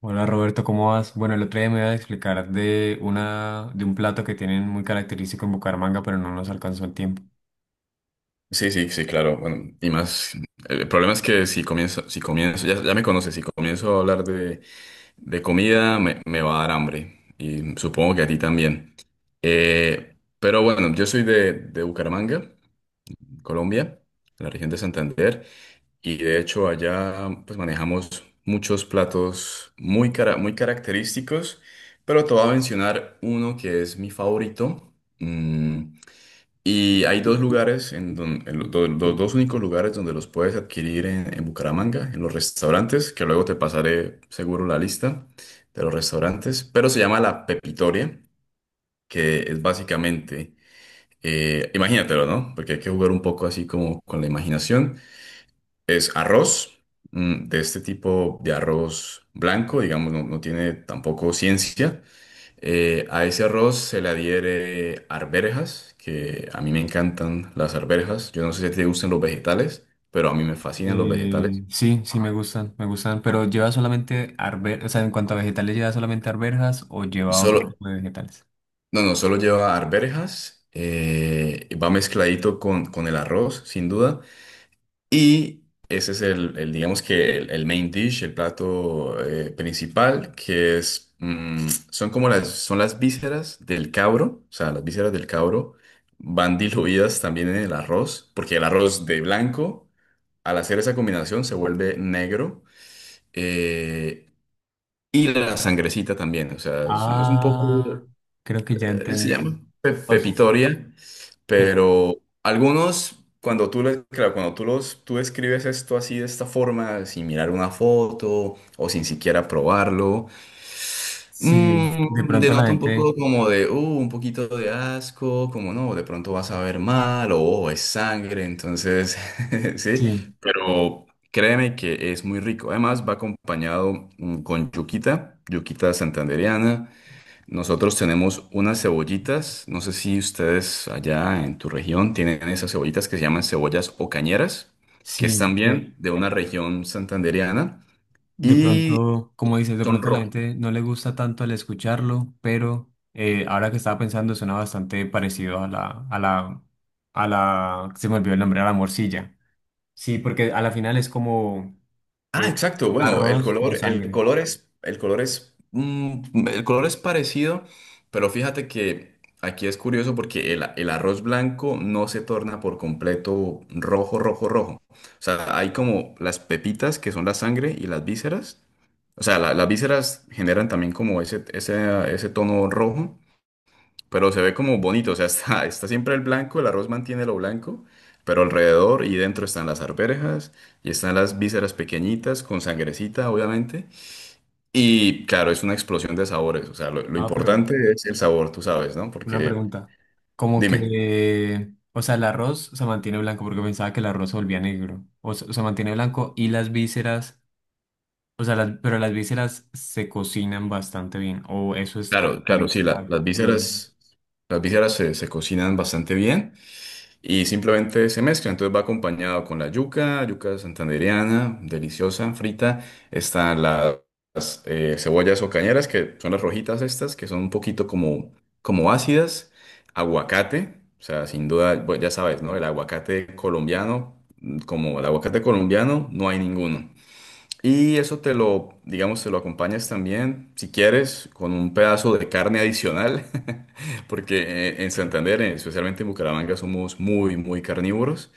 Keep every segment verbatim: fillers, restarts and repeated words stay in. Hola Roberto, ¿cómo vas? Bueno, el otro día me iba a explicar de una, de un plato que tienen muy característico en Bucaramanga, pero no nos alcanzó el tiempo. Sí, sí, sí, claro. Bueno, y más, el problema es que si comienzo, si comienzo, ya, ya me conoces, si comienzo a hablar de, de comida, me, me va a dar hambre. Y supongo que a ti también. Eh, pero bueno, yo soy de, de Bucaramanga, Colombia, la región de Santander, y de hecho allá pues manejamos muchos platos muy, cara- muy característicos, pero te voy a mencionar uno que es mi favorito. mm, y hay dos lugares, en don- en los do- los dos únicos lugares donde los puedes adquirir en, en Bucaramanga, en los restaurantes, que luego te pasaré seguro la lista de los restaurantes, pero se llama la Pepitoria, que es básicamente, eh, imagínatelo, ¿no? Porque hay que jugar un poco así como con la imaginación. Es arroz, mm, de este tipo de arroz blanco, digamos, no, no tiene tampoco ciencia. Eh, a ese arroz se le adhiere arvejas, que a mí me encantan las arvejas. Yo no sé si te gustan los vegetales, pero a mí me fascinan los vegetales. Eh, sí, sí me gustan, me gustan, pero lleva solamente arvejas, o sea, en cuanto a vegetales, ¿lleva solamente arvejas o lleva otro Solo, tipo de vegetales? no, no, solo lleva arvejas, eh, va mezcladito con, con el arroz, sin duda. Y ese es el, el, digamos que el, el main dish, el plato eh, principal, que es, mm, son como las, son las vísceras del cabro, o sea, las vísceras del cabro van diluidas también en el arroz, porque el arroz de blanco, al hacer esa combinación, se vuelve negro, eh, y la sangrecita también, o sea, es, un- es un poco Ah, creo que ya eh, se entendí. llama pe- O sea, pepitoria, pero pero algunos, cuando tú, le- claro, cuando tú, los, tú escribes esto así de esta forma, sin mirar una foto o sin siquiera probarlo, sí, de mm, pronto la denota un poco gente, como de, uh, un poquito de asco, como no, de pronto vas a ver mal o "Oh, es sangre", entonces, sí, sí, pero créeme que es muy rico. Además, va acompañado mm, con yuquita, yuquita santandereana. Nosotros tenemos unas cebollitas, no sé si ustedes allá en tu región tienen esas cebollitas que se llaman cebollas o cañeras, que es sí. eh, también de una región santandereana De y pronto, como dices, de son pronto a la rojas. gente no le gusta tanto el escucharlo, pero eh, ahora que estaba pensando suena bastante parecido a la, a la, a la, se me olvidó el nombre, a la morcilla. Sí, porque a la final es como Ah, eh, exacto. Bueno, el arroz con color, el sangre. color es, el color es, mm, el color es parecido, pero fíjate que aquí es curioso porque el, el arroz blanco no se torna por completo rojo, rojo, rojo. O sea, hay como las pepitas que son la sangre y las vísceras. O sea, la- las vísceras generan también como ese, ese, ese tono rojo, pero se ve como bonito, o sea, está, está siempre el blanco, el arroz mantiene lo blanco, pero alrededor y dentro están las arvejas y están las vísceras pequeñitas con sangrecita, obviamente. Y claro, es una explosión de sabores, o sea, lo, lo Ah, pero importante es el sabor, tú sabes, ¿no? una Porque, pregunta. Como dime, que, o sea, el arroz se mantiene blanco porque pensaba que el arroz se volvía negro. O se, se mantiene blanco y las vísceras. O sea, las- pero las vísceras se cocinan bastante bien. O eso es como claro, la claro, sí, la- víscera las cruda. vísceras, las vísceras se, se cocinan bastante bien. Y simplemente se mezcla. Entonces va acompañado con la yuca, yuca santandereana, deliciosa, frita. Están las eh, cebollas o cañeras, que son las rojitas estas, que son un poquito como, como ácidas. Aguacate, o sea, sin duda, bueno, ya sabes, ¿no? El aguacate colombiano, mm, como el aguacate colombiano, no hay ninguno. Y eso te lo, digamos, te lo acompañas también, si quieres, con un pedazo de carne adicional, porque eh, en Santander, eh, especialmente en Bucaramanga, somos muy, muy carnívoros.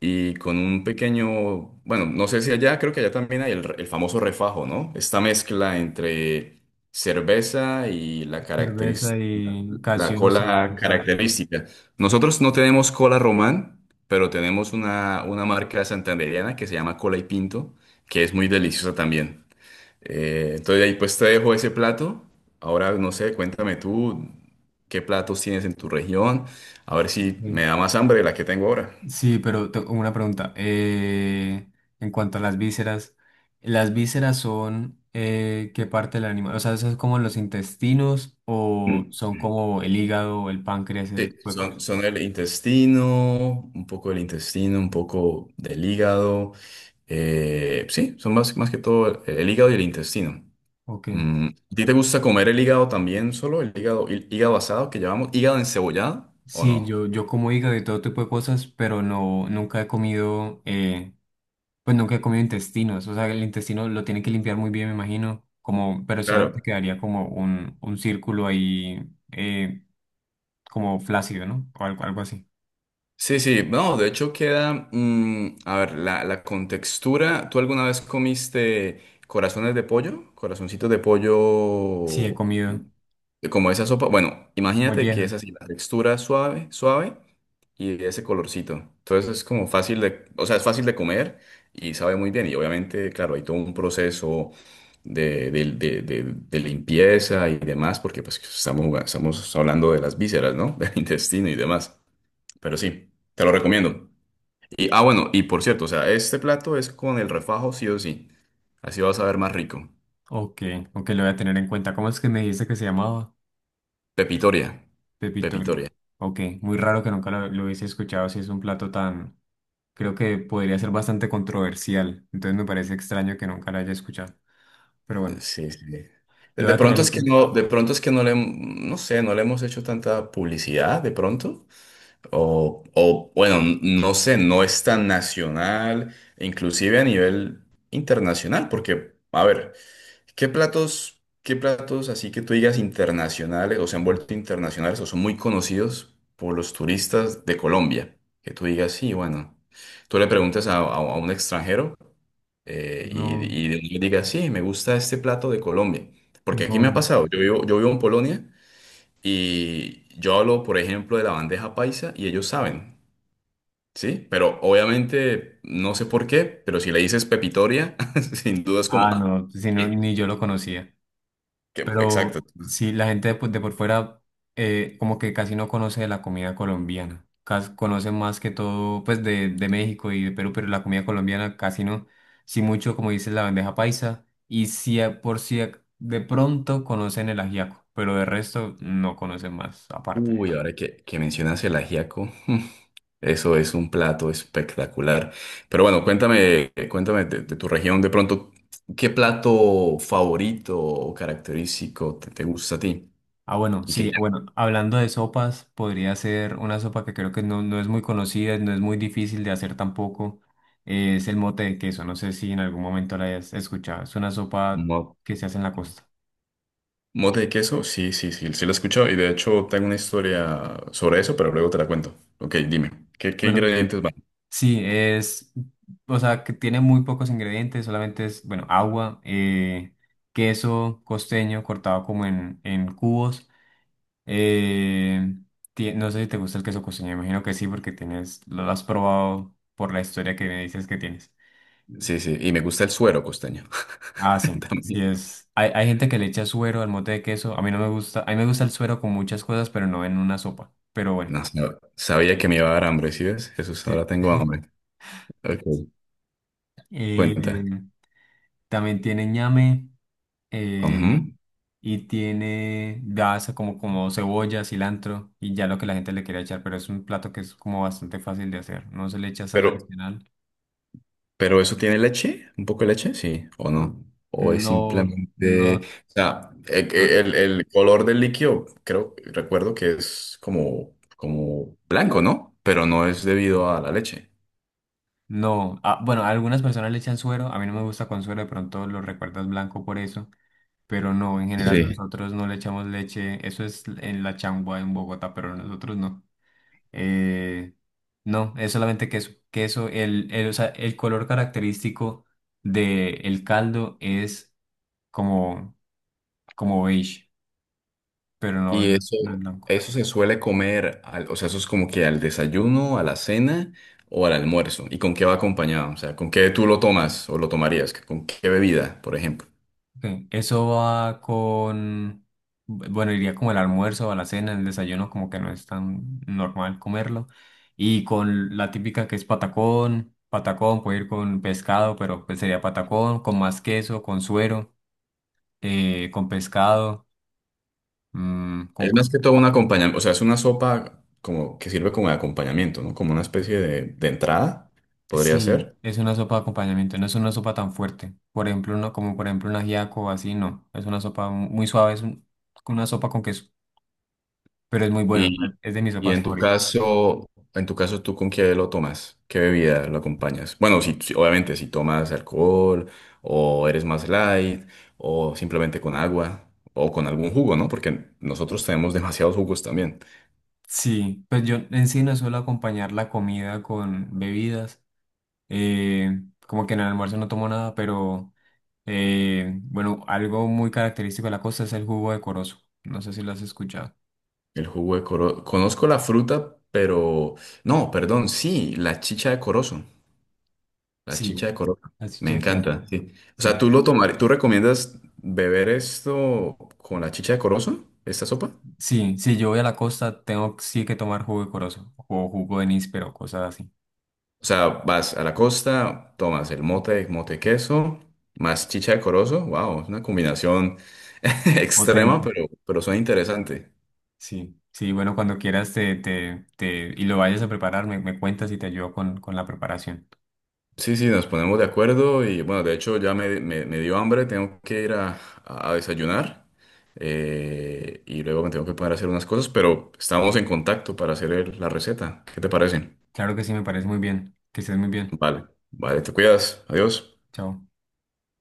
Y con un pequeño, bueno, no sé si allá, creo que allá también hay el, re- el famoso refajo, ¿no? Esta mezcla entre cerveza y la caracteris- Cerveza y la gaseosa o cola cosas característica. Nosotros no tenemos cola román, pero tenemos una, una marca santandereana que se llama Cola y Pinto, que es muy deliciosa también. Eh, entonces ahí pues te dejo ese plato. Ahora no sé, cuéntame tú qué platos tienes en tu región. A ver si me así. da más hambre de la que tengo ahora. Sí, pero tengo una pregunta. Eh, en cuanto a las vísceras, ¿las vísceras son eh, qué parte del animal? O sea, ¿eso es como los intestinos o Mm. son como el hígado, el páncreas, ese Sí, tipo de son, cosas? son el intestino, un poco del intestino, un poco del hígado. Eh, sí, son más, más que todo el, el hígado y el intestino. Ok. Mm, ¿a ti te gusta comer el hígado también solo? ¿El hígado, el hígado asado que llamamos hígado encebollado o Sí, no? yo, yo como hígado y todo tipo de cosas, pero no, nunca he comido. eh, Pues nunca he comido intestinos, o sea, el intestino lo tiene que limpiar muy bien, me imagino, como, pero solamente Claro. quedaría como un, un círculo ahí, eh, como flácido, ¿no? O algo, algo así. Sí, sí, no, de hecho queda, mm, a ver, la, la contextura, ¿tú alguna vez comiste corazones de pollo? Corazoncitos de Sí, he pollo, comido eh, como esa sopa. Bueno, imagínate que molleja. es así, la textura suave, suave y ese colorcito. Entonces es como fácil de, o sea, es fácil de comer y sabe muy bien. Y obviamente, claro, hay todo un proceso de, de- de- de- de limpieza y demás, porque pues estamos, estamos hablando de las vísceras, ¿no? Del intestino y demás. Pero sí, te lo recomiendo. Y, ah, bueno, y por cierto, o sea, este plato es con el refajo sí o sí. Así vas a ver más rico. Ok, ok, lo voy a tener en cuenta. ¿Cómo es que me dijiste que se llamaba? Pepitoria. Pepitoria. Pepitoria. Ok, muy raro que nunca lo, lo hubiese escuchado, si es un plato tan, creo que podría ser bastante controversial, entonces me parece extraño que nunca lo haya escuchado, pero bueno, Sí, sí. De, lo voy De a tener pronto en es que cuenta. no, de pronto es que no le, hem- no sé, no le hemos hecho tanta publicidad de pronto. O, o bueno, n- no sé, no es tan nacional, inclusive a nivel internacional, porque, a ver, ¿qué platos, qué platos así que tú digas internacionales o se han vuelto internacionales o son muy conocidos por los turistas de Colombia? Que tú digas, sí, bueno, tú le preguntas a, a- a un extranjero eh, y, No, y le digas, sí, me gusta este plato de Colombia. Porque aquí me ha no. pasado, yo vivo, yo vivo en Polonia y yo hablo, por ejemplo, de la bandeja paisa y ellos saben, ¿sí? Pero obviamente, no sé por qué, pero si le dices pepitoria, sin duda es como... Ah, "Ah, no, si no, ¿qué?". ni yo lo conocía. Que- Exacto. Pero sí, la gente de, por de por fuera eh, como que casi no conoce de la comida colombiana. Cas- conoce más que todo pues de, de México y de Perú, pero la comida colombiana casi no. Sí mucho, como dices, la bandeja paisa. Y sí, a- por si ac- de pronto conocen el ajiaco, pero de resto no conocen más aparte. Uy, ahora que, que mencionas el ajiaco, mm, eso es un plato espectacular. Pero bueno, cuéntame, cuéntame de, de tu región de pronto, ¿qué plato favorito o característico te, te gusta a ti? Ah, bueno, Y que sí, bueno, hablando de sopas, podría ser una sopa que creo que no, no es muy conocida, no es muy difícil de hacer tampoco. Eh, es el mote de queso, no sé si en algún momento la hayas escuchado. Es una sopa mo- que se hace en la costa. mote de queso, sí, sí, sí, sí lo he escuchado y de hecho tengo una historia sobre eso, pero luego te la cuento. Ok, dime, ¿qué, qué Bueno, ingredientes van? sí, es, o sea, que tiene muy pocos ingredientes, solamente es, bueno, agua, eh, queso costeño cortado como en, en cubos. eh, ti- no sé si te gusta el queso costeño, imagino que sí, porque tienes, lo has probado por la historia que me dices que tienes. Sí, sí, y me gusta el suero costeño Ah, sí, también. sí es. Hay, hay gente que le echa suero al mote de queso. A mí no me gusta. A mí me gusta el suero con muchas cosas, pero no en una sopa. Pero bueno, No, sab- sabía que me iba a dar hambre, ¿sí ves? Jesús, sí. ahora tengo hambre. Ok, cuenta. Eh, también tiene ñame Ujú. eh, y tiene gasa como, como cebolla, cilantro y ya lo que la gente le quiera echar. Pero es un plato que es como bastante fácil de hacer. No se le echa sal Pero, adicional. pero ¿eso tiene leche? ¿Un poco de leche? Sí, ¿o no? ¿O es No, simplemente, no, o sea, e- no. e- el, el color del líquido, creo, recuerdo que es como, como blanco, ¿no? Pero no es debido a la leche. No, ah, bueno, a algunas personas le echan suero, a mí no me gusta con suero, de pronto lo recuerdas blanco por eso. Pero no, en general Sí. nosotros no le echamos leche. Eso es en la changua en Bogotá, pero nosotros no. Eh, no, es solamente queso. Queso, el, el, o sea, el color característico del caldo es como, como beige, pero no, Y eso, no es blanco. eso se suele comer, al- o sea, eso es como que al desayuno, a la cena o al almuerzo. ¿Y con qué va acompañado? O sea, ¿con qué tú lo tomas o lo tomarías? ¿Con qué bebida, por ejemplo? Sí, eso va con, bueno, iría como el almuerzo, a la cena, el desayuno, como que no es tan normal comerlo. Y con la típica que es patacón, patacón puede ir con pescado, pero pues sería patacón, con más queso, con suero, eh, con pescado, mm, con... Es más que todo un acompañamiento, o sea, es una sopa como que sirve como de acompañamiento, ¿no? Como una especie de, de entrada, podría Sí, ser. es una sopa de acompañamiento, no es una sopa tan fuerte. Por ejemplo, uno, como por ejemplo un ajiaco o así, no. Es una sopa mu- muy suave, es un- una sopa con queso, pero es muy buena, Y, es de mis y sopas en tu favoritas. caso, en tu caso, ¿tú con qué lo tomas? ¿Qué bebida lo acompañas? Bueno, si, si- obviamente si tomas alcohol o eres más light o simplemente con agua o con algún jugo, ¿no? Porque nosotros tenemos demasiados jugos también. Sí, pues yo en sí no suelo acompañar la comida con bebidas. eh, Como que en el almuerzo no tomo nada, pero eh, bueno, algo muy característico de la costa es el jugo de corozo. No sé si lo has escuchado. El jugo de coro, conozco la fruta, pero no, perdón, sí, la chicha de corozo. La Sí, chicha de coroca. así Me que coro- encanta, sí. O sea, Sí, ¿tú lo tomar, tú recomiendas beber esto con la chicha de corozo, esta sopa? sí, si yo voy a la costa, tengo sí que tomar jugo de corozo o jugo de níspero, cosas así. O sea, vas a la costa, tomas el mote, mote queso, más chicha de corozo. Wow, es una combinación extrema, Potente. pero, pero suena interesante. Sí, sí, bueno, cuando quieras te, te, te, y lo vayas a preparar, me, me cuentas y te ayudo con, con la preparación. Sí, sí, nos ponemos de acuerdo y bueno, de hecho ya me, me- me dio hambre, tengo que ir a, a desayunar eh, y luego me tengo que poner a hacer unas cosas, pero estamos en contacto para hacer el- la receta. ¿Qué te parece? Claro que sí, me parece muy bien. Que estés muy bien. Vale, vale, te cuidas. Adiós. Chao.